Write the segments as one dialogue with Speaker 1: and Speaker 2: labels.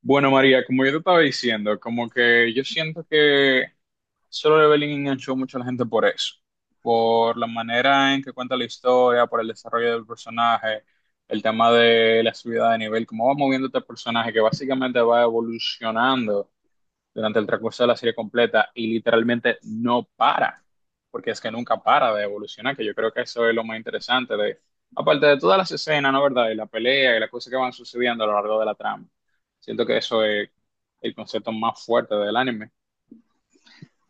Speaker 1: Bueno, María, como yo te estaba diciendo, como que yo siento que Solo Leveling enganchó mucho a la gente por eso, por la manera en que cuenta la historia, por el desarrollo del personaje, el tema de la subida de nivel, cómo va moviendo este personaje que básicamente va evolucionando durante el transcurso de la serie completa y literalmente no para, porque es que nunca para de evolucionar, que yo creo que eso es lo más interesante de, aparte de todas las escenas, ¿no? ¿Verdad? Y la pelea y las cosas que van sucediendo a lo largo de la trama. Siento que eso es el concepto más fuerte del anime.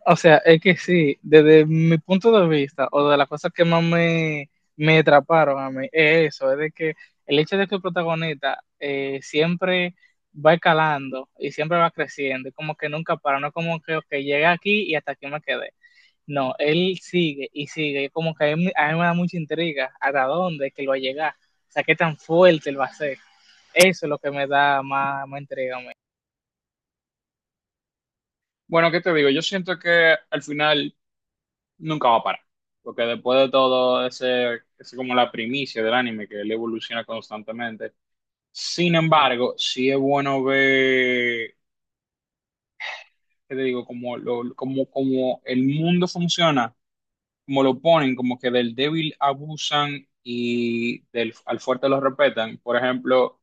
Speaker 2: O sea, es que sí, desde mi punto de vista, o de las cosas que más me atraparon a mí, es eso, es de que el hecho de que el protagonista siempre va escalando y siempre va creciendo, y como que nunca para, no es como que okay, llegué aquí y hasta aquí me quedé. No, él sigue y sigue, y como que a mí me da mucha intriga hasta dónde es que él va a llegar, o sea, qué tan fuerte él va a ser. Eso es lo que me da más intriga a mí.
Speaker 1: Bueno, ¿qué te digo? Yo siento que al final nunca va a parar, porque después de todo ese, es como la primicia del anime, que él evoluciona constantemente. Sin embargo, sí es bueno ver que te digo, como, lo, como, como el mundo funciona, como lo ponen, como que del débil abusan al fuerte lo respetan. Por ejemplo,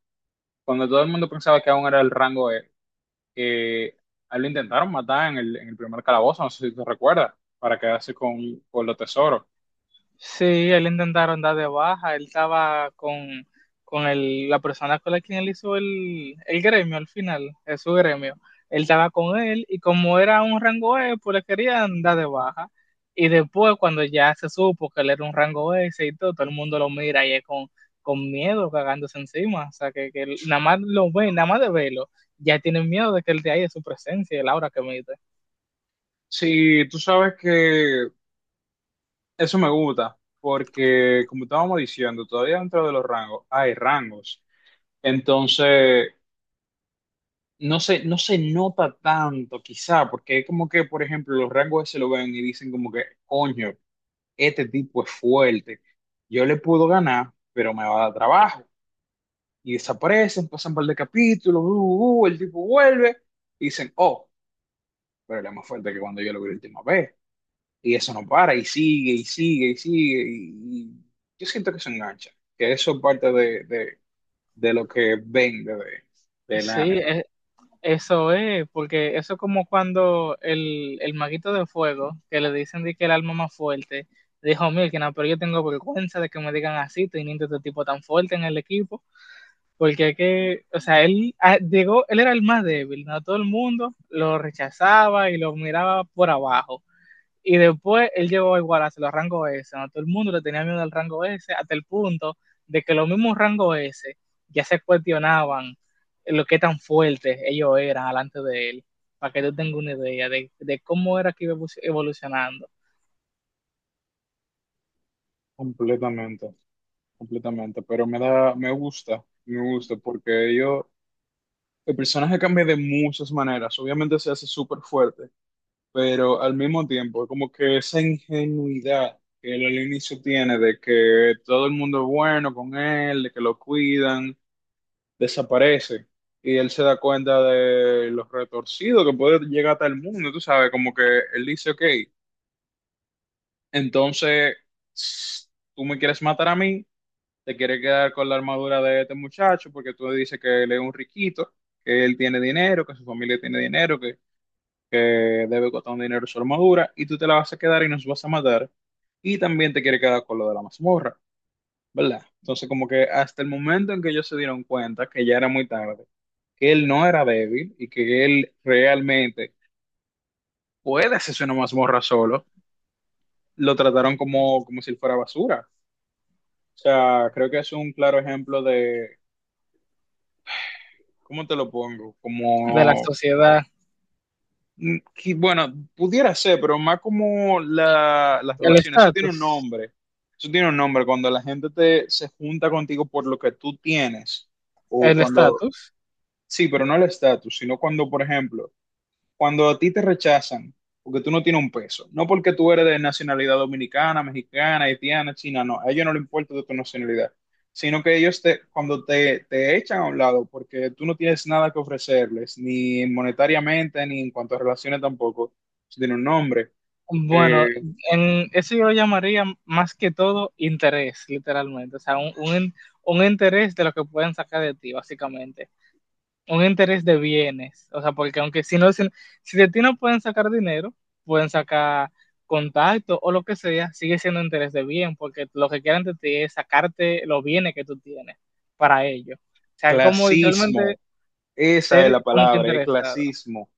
Speaker 1: cuando todo el mundo pensaba que aún era el rango E, que a él lo intentaron matar en el primer calabozo, no sé si te recuerdas, para quedarse con los tesoros.
Speaker 2: Sí, él intentaron dar de baja, él estaba con la persona con la quien él hizo el gremio al final, es su gremio. Él estaba con él y como era un rango E, pues le querían dar de baja. Y después cuando ya se supo que él era un rango S y todo, todo el mundo lo mira y es con miedo, cagándose encima. O sea, que nada más lo ven, nada más de verlo, ya tienen miedo de que él de ahí es su presencia, el aura que emite.
Speaker 1: Sí, tú sabes que eso me gusta, porque como estábamos diciendo, todavía dentro de los rangos hay rangos. Entonces, no se nota tanto, quizá, porque es como que, por ejemplo, los rangos se lo ven y dicen como que, coño, este tipo es fuerte, yo le puedo ganar, pero me va a dar trabajo. Y desaparecen, pasan un par de capítulos, el tipo vuelve, y dicen, oh, pero él es más fuerte que cuando yo lo vi la última vez. Y eso no para, y sigue, y sigue, y sigue, y yo siento que se engancha, que eso es parte de lo que vende del
Speaker 2: Sí,
Speaker 1: anime,
Speaker 2: eso es, porque eso es como cuando el maguito de fuego, que le dicen de que el alma más fuerte, dijo, Milkina, pero yo tengo vergüenza de que me digan así, teniendo este tipo tan fuerte en el equipo, porque es que, o sea, él llegó, él era el más débil, ¿no? Todo el mundo lo rechazaba y lo miraba por abajo. Y después él llegó igual a los rangos S, ¿no? Todo el mundo le tenía miedo al rango S, hasta el punto de que los mismos rangos S ya se cuestionaban lo que tan fuertes ellos eran delante de él, para que tú tengas una idea de cómo era que iba evolucionando,
Speaker 1: completamente. Completamente, pero me da, me gusta porque yo, el personaje cambia de muchas maneras, obviamente se hace súper fuerte, pero al mismo tiempo, como que esa ingenuidad que él al inicio tiene de que todo el mundo es bueno con él, de que lo cuidan, desaparece y él se da cuenta de los retorcidos que puede llegar hasta el mundo, tú sabes, como que él dice, ok, entonces tú me quieres matar a mí, te quiere quedar con la armadura de este muchacho porque tú dices que él es un riquito, que él tiene dinero, que su familia tiene dinero, que debe costar un dinero su armadura, y tú te la vas a quedar y nos vas a matar. Y también te quiere quedar con lo de la mazmorra, ¿verdad? Entonces, como que hasta el momento en que ellos se dieron cuenta que ya era muy tarde, que él no era débil y que él realmente puede hacerse una mazmorra solo, lo trataron como, como si él fuera basura. O sea, creo que es un claro ejemplo de, ¿cómo te lo pongo?
Speaker 2: de la
Speaker 1: Como
Speaker 2: sociedad,
Speaker 1: Bueno, pudiera ser, pero más como las
Speaker 2: el
Speaker 1: relaciones, eso tiene un
Speaker 2: estatus,
Speaker 1: nombre, eso tiene un nombre, cuando la gente te, se junta contigo por lo que tú tienes, o
Speaker 2: el
Speaker 1: cuando,
Speaker 2: estatus.
Speaker 1: sí, pero no el estatus, sino cuando, por ejemplo, cuando a ti te rechazan, porque tú no tienes un peso, no porque tú eres de nacionalidad dominicana, mexicana, haitiana, china, no, a ellos no les importa de tu nacionalidad, sino que ellos te, cuando te echan a un lado, porque tú no tienes nada que ofrecerles, ni monetariamente, ni en cuanto a relaciones tampoco, eso tiene un nombre,
Speaker 2: Bueno,
Speaker 1: eh,
Speaker 2: en eso yo lo llamaría más que todo interés, literalmente. O sea, un interés de lo que pueden sacar de ti, básicamente. Un interés de bienes, o sea, porque aunque si no, si, si de ti no pueden sacar dinero, pueden sacar contacto o lo que sea, sigue siendo interés de bien, porque lo que quieren de ti es sacarte los bienes que tú tienes para ellos. O sea, como
Speaker 1: clasismo,
Speaker 2: literalmente
Speaker 1: esa es
Speaker 2: ser
Speaker 1: la
Speaker 2: como que
Speaker 1: palabra, es
Speaker 2: interesado.
Speaker 1: clasismo,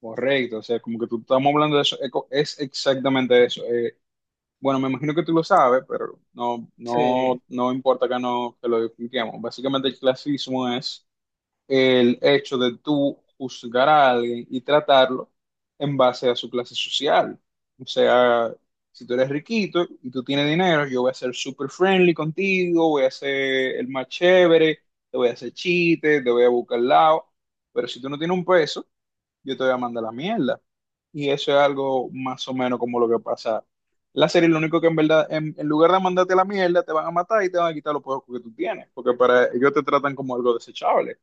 Speaker 1: correcto, o sea, como que tú estamos hablando de eso, es exactamente eso. Bueno, me imagino que tú lo sabes, pero no,
Speaker 2: Sí.
Speaker 1: no importa que no que lo expliquemos. Básicamente el clasismo es el hecho de tú juzgar a alguien y tratarlo en base a su clase social. O sea, si tú eres riquito y tú tienes dinero, yo voy a ser super friendly contigo, voy a ser el más chévere, te voy a hacer chistes, te voy a buscar al lado. Pero si tú no tienes un peso, yo te voy a mandar la mierda. Y eso es algo más o menos como lo que pasa. La serie, lo único que en verdad, en lugar de mandarte la mierda, te van a matar y te van a quitar los poderes que tú tienes, porque para ellos te tratan como algo desechable.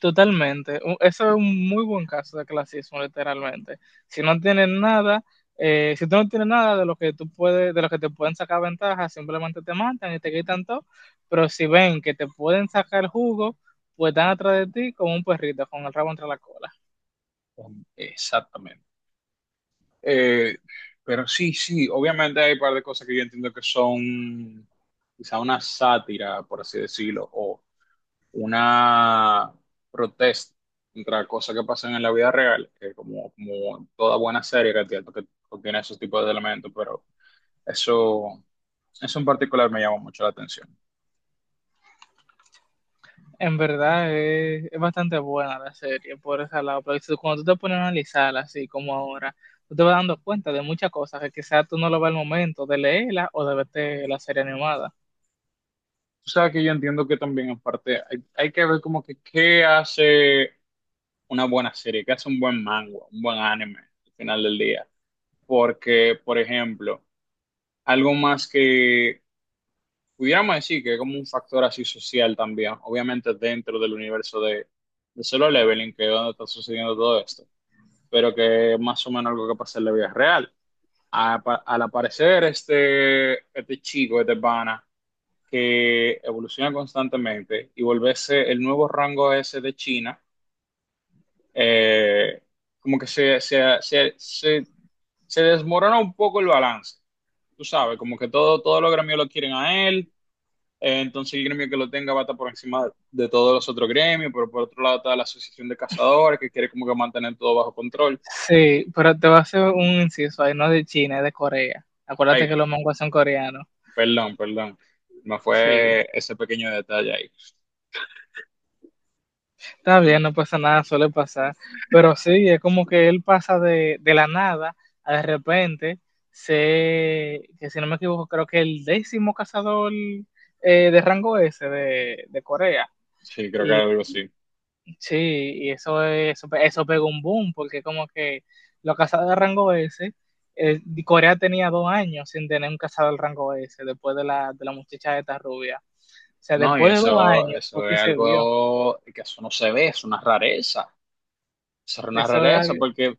Speaker 2: Totalmente. Eso es un muy buen caso de clasismo, literalmente. Si no tienes nada, si tú no tienes nada de lo que tú puedes, de lo que te pueden sacar ventaja, simplemente te matan y te quitan todo. Pero si ven que te pueden sacar jugo, pues están atrás de ti como un perrito con el rabo entre la cola.
Speaker 1: Exactamente. Eh, pero sí, sí, obviamente hay un par de cosas que yo entiendo que son quizá una sátira, por así decirlo, o una protesta contra cosas que pasan en la vida real, que como, como toda buena serie que contiene esos tipos de elementos, pero eso, eso en particular me llama mucho la atención.
Speaker 2: En verdad es bastante buena la serie por ese lado, pero cuando tú te pones a analizarla así como ahora, tú te vas dando cuenta de muchas cosas que quizás tú no lo ves al momento de leerla o de verte la serie animada.
Speaker 1: Tú sabes que yo entiendo que también en parte hay que ver como que qué hace una buena serie, qué hace un buen manga, un buen anime al final del día. Porque, por ejemplo, algo más que pudiéramos decir que es como un factor así social también, obviamente dentro del universo de Solo Leveling, que es donde está sucediendo todo esto, pero que es más o menos algo que pasa en la vida real. Al aparecer este, este chico, este pana, que evoluciona constantemente y volverse el nuevo rango ese de China, eh, como que se desmorona un poco el balance. Tú sabes, como que todo, todos los gremios lo quieren a él, entonces el gremio que lo tenga va a estar por encima de todos los otros gremios, pero por otro lado está la Asociación de Cazadores que quiere como que mantener todo bajo control.
Speaker 2: Sí, pero te voy a hacer un inciso ahí, no de China, es de Corea.
Speaker 1: Ay,
Speaker 2: Acuérdate que los mangos son coreanos.
Speaker 1: perdón, perdón. Me
Speaker 2: Sí,
Speaker 1: fue ese pequeño detalle ahí.
Speaker 2: está bien, no pasa nada, suele pasar. Pero sí, es como que él pasa de la nada a de repente sé que si no me equivoco, creo que el décimo cazador de rango S de Corea.
Speaker 1: Sí, creo que algo así.
Speaker 2: Sí, y eso, eso pegó un boom, porque como que los cazados de rango S, Corea tenía 2 años sin tener un cazador del rango S después de la muchacha esta rubia. O sea,
Speaker 1: No, y
Speaker 2: después de dos
Speaker 1: eso,
Speaker 2: años fue
Speaker 1: eso es
Speaker 2: que se vio.
Speaker 1: algo que eso no se ve, es una rareza. Eso es una
Speaker 2: Eso era-
Speaker 1: rareza porque,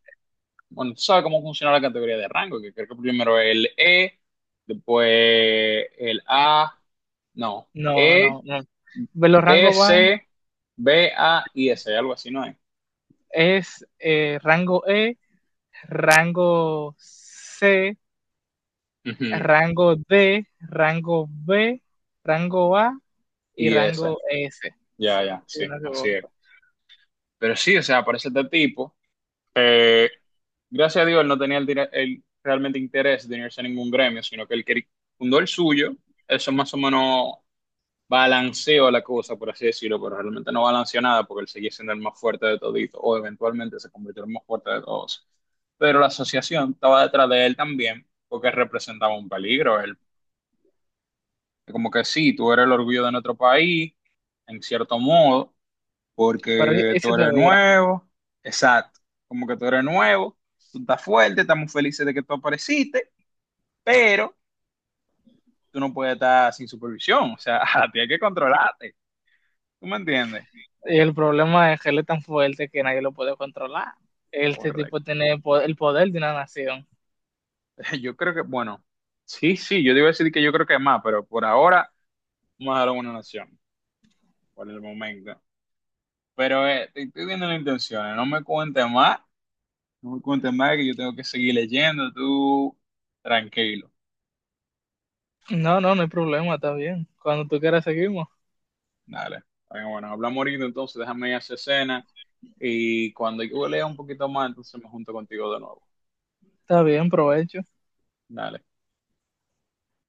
Speaker 1: bueno, tú sabes cómo funciona la categoría de rango, que creo que primero el E, después el A, no,
Speaker 2: no,
Speaker 1: E,
Speaker 2: no, no. Ve, los rangos van
Speaker 1: S, B, A y S, algo así, ¿no es?
Speaker 2: es rango E, rango C,
Speaker 1: Ujú,
Speaker 2: rango D, rango B, rango A y
Speaker 1: y S,
Speaker 2: rango S.
Speaker 1: ya,
Speaker 2: Sí,
Speaker 1: ya,
Speaker 2: si no me
Speaker 1: sí, así es.
Speaker 2: equivoco.
Speaker 1: Pero sí, o sea, aparece este tipo. eh, Gracias a Dios, él no tenía el realmente interés de unirse a ningún gremio, sino que él quería, fundó el suyo. Eso es más o menos balanceó la cosa, por así decirlo, pero realmente no balanceó nada porque él seguía siendo el más fuerte de todito o eventualmente se convirtió en el más fuerte de todos. Pero la asociación estaba detrás de él también porque representaba un peligro. Él, como que sí, tú eres el orgullo de nuestro país, en cierto modo,
Speaker 2: Pero
Speaker 1: porque tú
Speaker 2: ese te
Speaker 1: eres
Speaker 2: voy.
Speaker 1: nuevo, exacto, como que tú eres nuevo, tú estás fuerte, estamos felices de que tú apareciste, pero tú no puedes estar sin supervisión, o sea, tienes que controlarte, ¿tú me entiendes?
Speaker 2: Y el problema es que él es tan fuerte que nadie lo puede controlar. Este tipo
Speaker 1: Correcto.
Speaker 2: tiene el poder de una nación.
Speaker 1: Yo creo que, bueno, sí, sí, yo te iba a decir que yo creo que es más, pero por ahora vamos a dar una nación, por el momento. Pero estoy viendo las intenciones, no me cuentes más, no me cuentes más que yo tengo que seguir leyendo, tú tranquilo,
Speaker 2: No, no, no hay problema, está bien. Cuando tú quieras seguimos.
Speaker 1: dale. Bueno, bueno, hablamos ahorita entonces, déjame ir a hacer cena y cuando yo lea un poquito más, entonces me junto contigo de nuevo,
Speaker 2: Está bien, provecho.
Speaker 1: dale.